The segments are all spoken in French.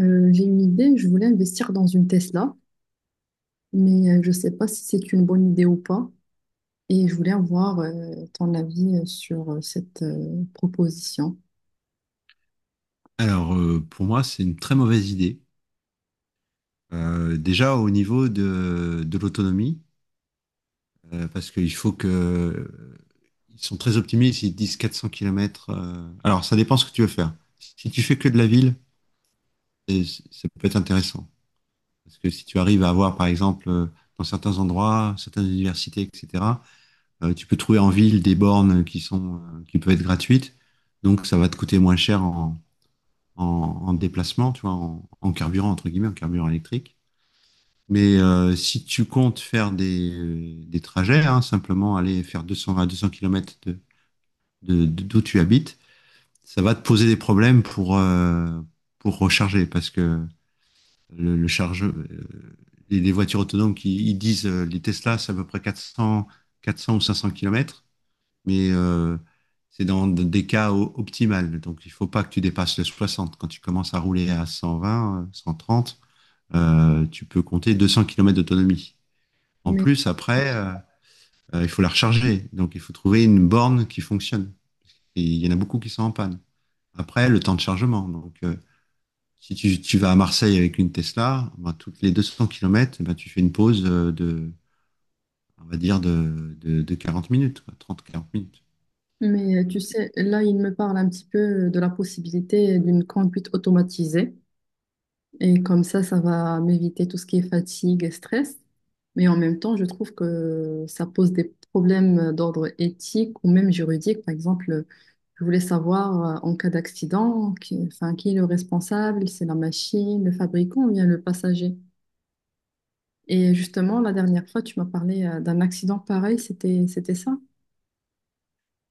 J'ai une idée, je voulais investir dans une Tesla, mais je ne sais pas si c'est une bonne idée ou pas. Et je voulais avoir ton avis sur cette proposition. Pour moi, c'est une très mauvaise idée. Déjà au niveau de l'autonomie, parce qu'il faut que... Ils sont très optimistes, ils disent 400 km. Alors, ça dépend ce que tu veux faire. Si tu fais que de la ville, ça peut être intéressant. Parce que si tu arrives à avoir, par exemple, dans certains endroits, certaines universités, etc., tu peux trouver en ville des bornes qui sont, qui peuvent être gratuites. Donc, ça va te coûter moins cher en déplacement, tu vois, en carburant, entre guillemets, en carburant électrique. Mais si tu comptes faire des trajets, hein, simplement aller faire 220 200 km de, d'où tu habites, ça va te poser des problèmes pour recharger parce que le chargeur, les voitures autonomes qui ils disent, les Tesla, c'est à peu près 400, quatre 400 ou 500 kilomètres, mais c'est dans des cas optimales. Donc il faut pas que tu dépasses le 60. Quand tu commences à rouler à 120, 130, tu peux compter 200 kilomètres d'autonomie. En Mais, plus, après, il faut la recharger. Donc, il faut trouver une borne qui fonctionne. Et il y en a beaucoup qui sont en panne. Après, le temps de chargement. Donc, si tu vas à Marseille avec une Tesla, ben, toutes les 200 km, ben, tu fais une pause de, on va dire, de 40 minutes, 30 quarante minutes. mais tu sais, là, il me parle un petit peu de la possibilité d'une conduite automatisée. Et comme ça va m'éviter tout ce qui est fatigue et stress. Mais en même temps, je trouve que ça pose des problèmes d'ordre éthique ou même juridique. Par exemple, je voulais savoir en cas d'accident, qui, enfin, qui est le responsable? C'est la machine, le fabricant ou bien le passager? Et justement, la dernière fois, tu m'as parlé d'un accident pareil. C'était ça?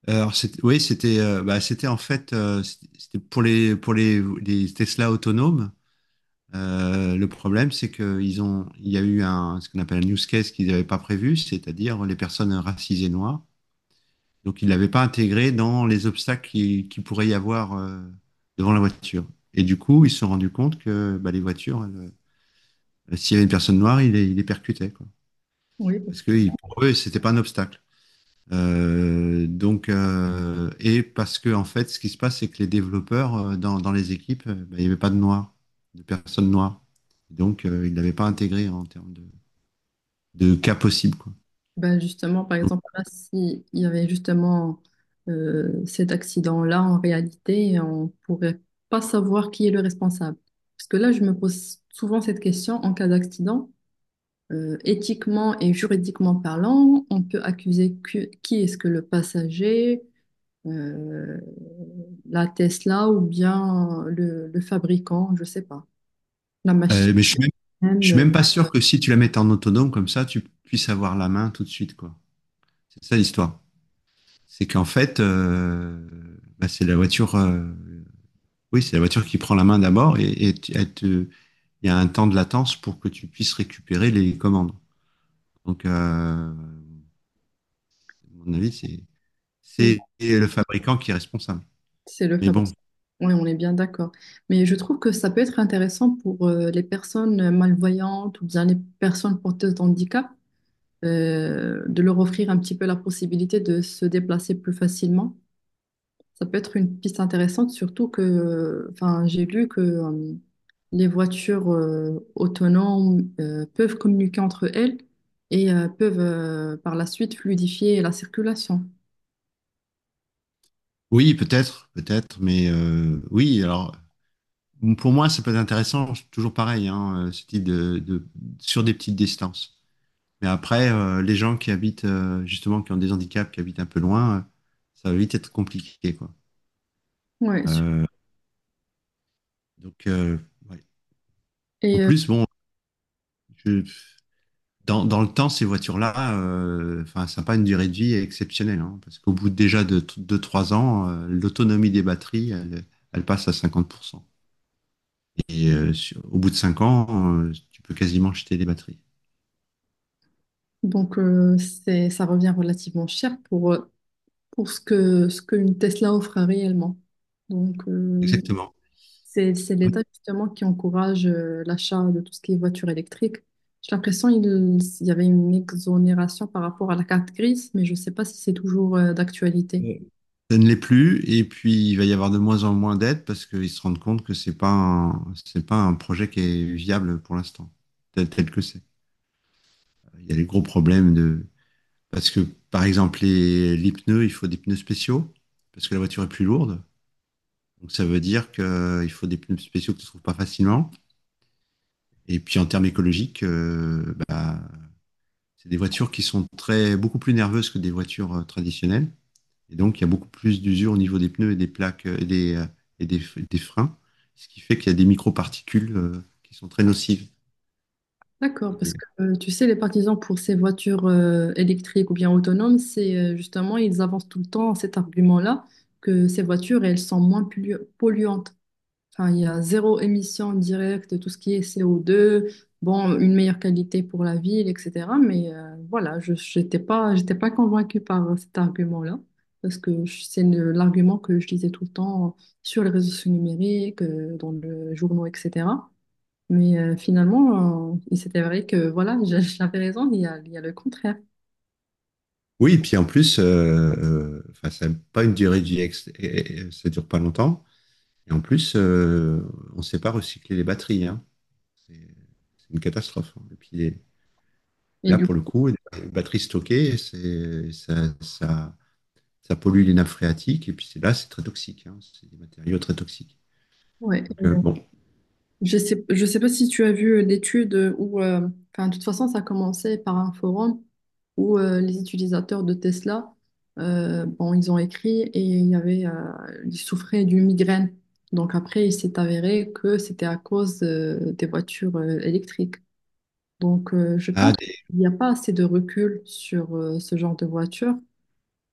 Alors, c'était, oui, c'était bah, c'était en fait C'était pour les Tesla autonomes. Le problème, c'est qu'ils ont, il y a eu un, ce qu'on appelle un use case qu'ils n'avaient pas prévu, c'est-à-dire les personnes racisées noires. Donc, ils ne l'avaient pas intégré dans les obstacles qui pourrait y avoir devant la voiture. Et du coup, ils se sont rendus compte que bah, les voitures, elles, s'il y avait une personne noire, ils les percutaient, quoi. Oui. Parce que pour eux, c'était pas un obstacle. Et parce que en fait, ce qui se passe, c'est que les développeurs dans les équipes, ben, il n'y avait pas de noirs, de personnes noires. Donc, ils ne l'avaient pas intégré en termes de cas possible, quoi. Ben justement, par Donc, exemple, là, s'il y avait justement cet accident-là, en réalité, on pourrait pas savoir qui est le responsable. Parce que là, je me pose souvent cette question en cas d'accident. Éthiquement et juridiquement parlant, on peut accuser qui est-ce que le passager, euh, la Tesla ou bien le fabricant, je sais pas, la machine euh, mais je suis même, je suis même, même pas sûr que si tu la mets en autonome comme ça, tu puisses avoir la main tout de suite, quoi. C'est ça l'histoire. C'est qu'en fait, bah, C'est la voiture qui prend la main d'abord , et il y a un temps de latence pour que tu puisses récupérer les commandes. Donc, à mon avis, mais c'est le fabricant qui est responsable. c'est le Mais bon, fabricant. Oui, on est bien d'accord. Mais je trouve que ça peut être intéressant pour les personnes malvoyantes ou bien les personnes porteuses d'handicap de leur offrir un petit peu la possibilité de se déplacer plus facilement. Ça peut être une piste intéressante, surtout que, enfin, j'ai lu que les voitures autonomes peuvent communiquer entre elles et peuvent par la suite fluidifier la circulation. oui, peut-être, peut-être, mais oui, alors, pour moi, ça peut être intéressant, toujours pareil, hein, ce type sur des petites distances. Mais après, les gens qui habitent, justement, qui ont des handicaps, qui habitent un peu loin, ça va vite être compliqué, quoi. Ouais, su- Euh, donc, euh, ouais. En et euh, plus, bon, je- dans le temps, ces voitures-là, enfin, ça n'a pas une durée de vie exceptionnelle, hein, parce qu'au bout déjà de 2 3 ans, l'autonomie des batteries, elle, elle passe à 50%. Et au bout de 5 ans, tu peux quasiment jeter des batteries. donc c'est, ça revient relativement cher pour ce que ce qu'une Tesla offre réellement. Donc Exactement. C'est l'État justement qui encourage l'achat de tout ce qui est voiture électrique. J'ai l'impression qu'il il y avait une exonération par rapport à la carte grise, mais je ne sais pas si c'est toujours d'actualité. Ça ne l'est plus. Et puis, il va y avoir de moins en moins d'aides parce qu'ils se rendent compte que c'est pas un projet qui est viable pour l'instant, tel que c'est. Il y a des gros problèmes de. Parce que, par exemple, les pneus, il faut des pneus spéciaux parce que la voiture est plus lourde. Donc ça veut dire qu'il faut des pneus spéciaux que tu ne trouves pas facilement. Et puis en termes écologiques, bah, c'est des voitures qui sont très, beaucoup plus nerveuses que des voitures traditionnelles. Et donc il y a beaucoup plus d'usure au niveau des pneus et des plaques et des freins, ce qui fait qu'il y a des microparticules qui sont très nocives. D'accord, Et- parce euh, que tu sais, les partisans pour ces voitures électriques ou bien autonomes, c'est justement, ils avancent tout le temps cet argument-là que ces voitures, elles sont polluantes. Enfin, il y a zéro émission directe, tout ce qui est CO2, bon, une meilleure qualité pour la ville, etc. Mais voilà, je n'étais pas, j'étais pas convaincue par cet argument-là, parce que c'est l'argument que je lisais tout le temps sur les réseaux sociaux numériques, dans le journaux, etc. Mais finalement, il s'est avéré que voilà, j'avais raison, il y a le contraire. oui, et puis en plus, enfin, ça n'a pas une durée de vie, ça ne dure pas longtemps. Et en plus, on ne sait pas recycler les batteries, hein. C'est c'est une catastrophe, hein. Et Là, du pour le coup, coup, les batteries stockées, ça pollue les nappes phréatiques. C'est très toxique, hein. C'est des matériaux très toxiques. ouais. Donc, bon. Je sais pas si tu as vu l'étude enfin, de toute façon, ça a commencé par un forum où les utilisateurs de Tesla, bon, ils ont écrit et il y avait, ils souffraient d'une migraine. Donc après, il s'est avéré que c'était à cause des voitures électriques. Donc je pense Ah, des- qu'il n'y a pas assez de recul sur ce genre de voiture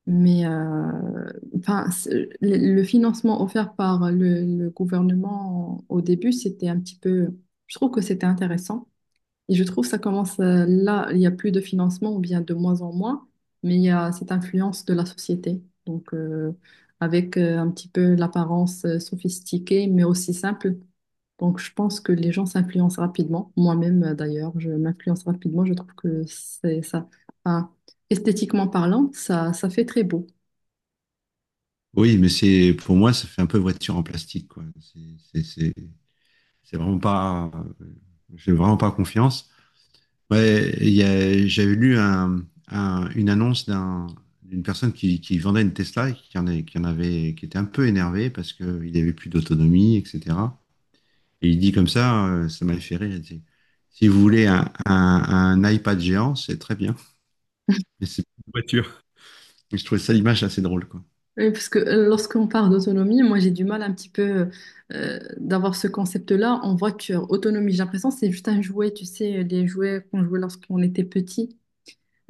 mais enfin, le financement offert par le gouvernement au début, c'était un petit peu, je trouve que c'était intéressant. Et je trouve que ça commence là, il n'y a plus de financement ou bien de moins en moins, mais il y a cette influence de la société. Donc, euh, avec un petit peu l'apparence sophistiquée, mais aussi simple. Donc, je pense que les gens s'influencent rapidement. Moi-même, d'ailleurs, je m'influence rapidement. Je trouve que c'est ça, enfin, esthétiquement parlant, ça fait très beau. oui, mais c'est, pour moi, ça fait un peu voiture en plastique, quoi. C'est vraiment pas, euh, j'ai vraiment pas confiance. Ouais, j'avais lu une annonce d'une personne qui vendait une Tesla et qui en, est- qui en avait, qui était un peu énervée parce qu'il n'y avait plus d'autonomie, etc. Et il dit comme ça, ça m'a fait rire. Il dit, si vous voulez un iPad géant, c'est très bien. Mais c'est- je trouvais ça l'image assez drôle, quoi. Oui, parce que lorsqu'on parle d'autonomie, moi j'ai du mal un petit peu d'avoir ce concept-là. On voit que autonomie, j'ai l'impression que c'est juste un jouet, tu sais, les jouets qu'on jouait lorsqu'on était petit.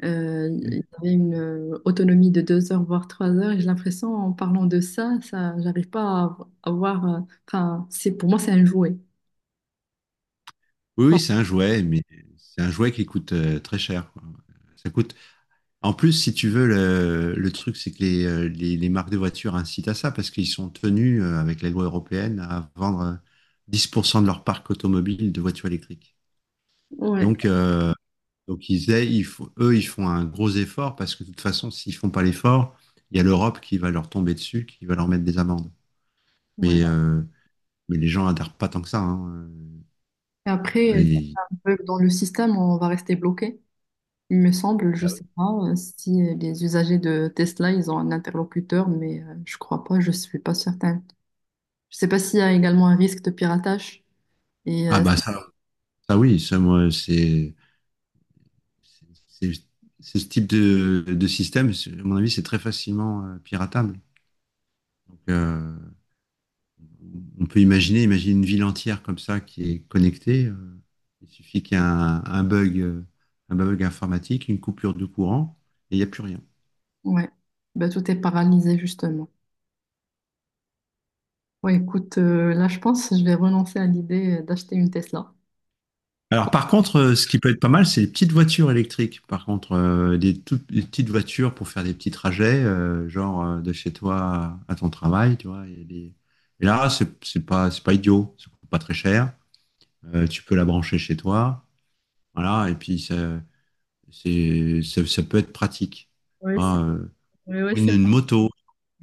Oui, Il y avait une autonomie de deux heures, voire trois heures. Et j'ai l'impression, en parlant de ça, ça, j'arrive pas à avoir. Enfin, c'est pour moi, c'est un jouet. oui, Pas- c'est un jouet, mais c'est un jouet qui coûte très cher, quoi. Ça coûte. En plus, si tu veux, le truc, c'est que les marques de voitures incitent à ça parce qu'ils sont tenus, avec la loi européenne, à vendre 10% de leur parc automobile de voitures électriques. Et Ouais, donc, euh, Donc ils aient- ils font- eux, ils font un gros effort parce que de toute façon, s'ils font pas l'effort, il y a l'Europe qui va leur tomber dessus, qui va leur mettre des amendes. ouais. Mais, euh, mais les gens adhèrent pas tant que ça, hein. Et après, Euh, si et- on veut, dans le système, on va rester bloqué. Il me semble, je sais pas si les usagers de Tesla, ils ont un interlocuteur, mais je crois pas, je suis pas certaine. Je sais pas s'il y a également un risque de piratage. Et Ah bah ça, ça oui, ça moi c'est c'est ce type de système, à mon avis, c'est très facilement piratable. Donc, on peut imaginer, imaginer une ville entière comme ça qui est connectée. Il suffit qu'il y ait un bug informatique, une coupure de courant, et il n'y a plus rien. ouais, bah, tout est paralysé justement. Ouais, écoute, là je pense que je vais renoncer à l'idée d'acheter une Tesla. Alors par contre, ce qui peut être pas mal, c'est les petites voitures électriques. Par contre, des toutes des petites voitures pour faire des petits trajets, genre de chez toi à ton travail, tu vois. Il y a des- Et là, c'est pas idiot, ça coûte pas très cher. Tu peux la brancher chez toi, voilà. Et puis ça peut être pratique. Tu Ouais, c'est vois, ouais, ouais, c'est une marrant. moto,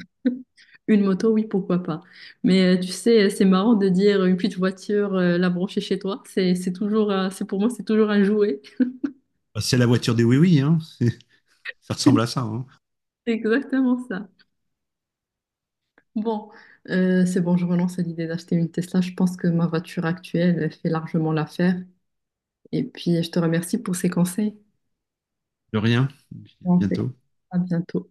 Une moto, oui, pourquoi pas. Mais tu sais, c'est marrant de dire une petite voiture, la brancher chez toi. C'est toujours, c'est pour moi, c'est toujours un jouet. c'est la voiture des oui-oui, hein. Ça C'est ressemble à ça, hein. exactement ça. Bon, c'est bon, je renonce à l'idée d'acheter une Tesla. Je pense que ma voiture actuelle elle fait largement l'affaire. Et puis, je te remercie pour ces conseils. De rien. Bon, c'est- Bientôt. à bientôt.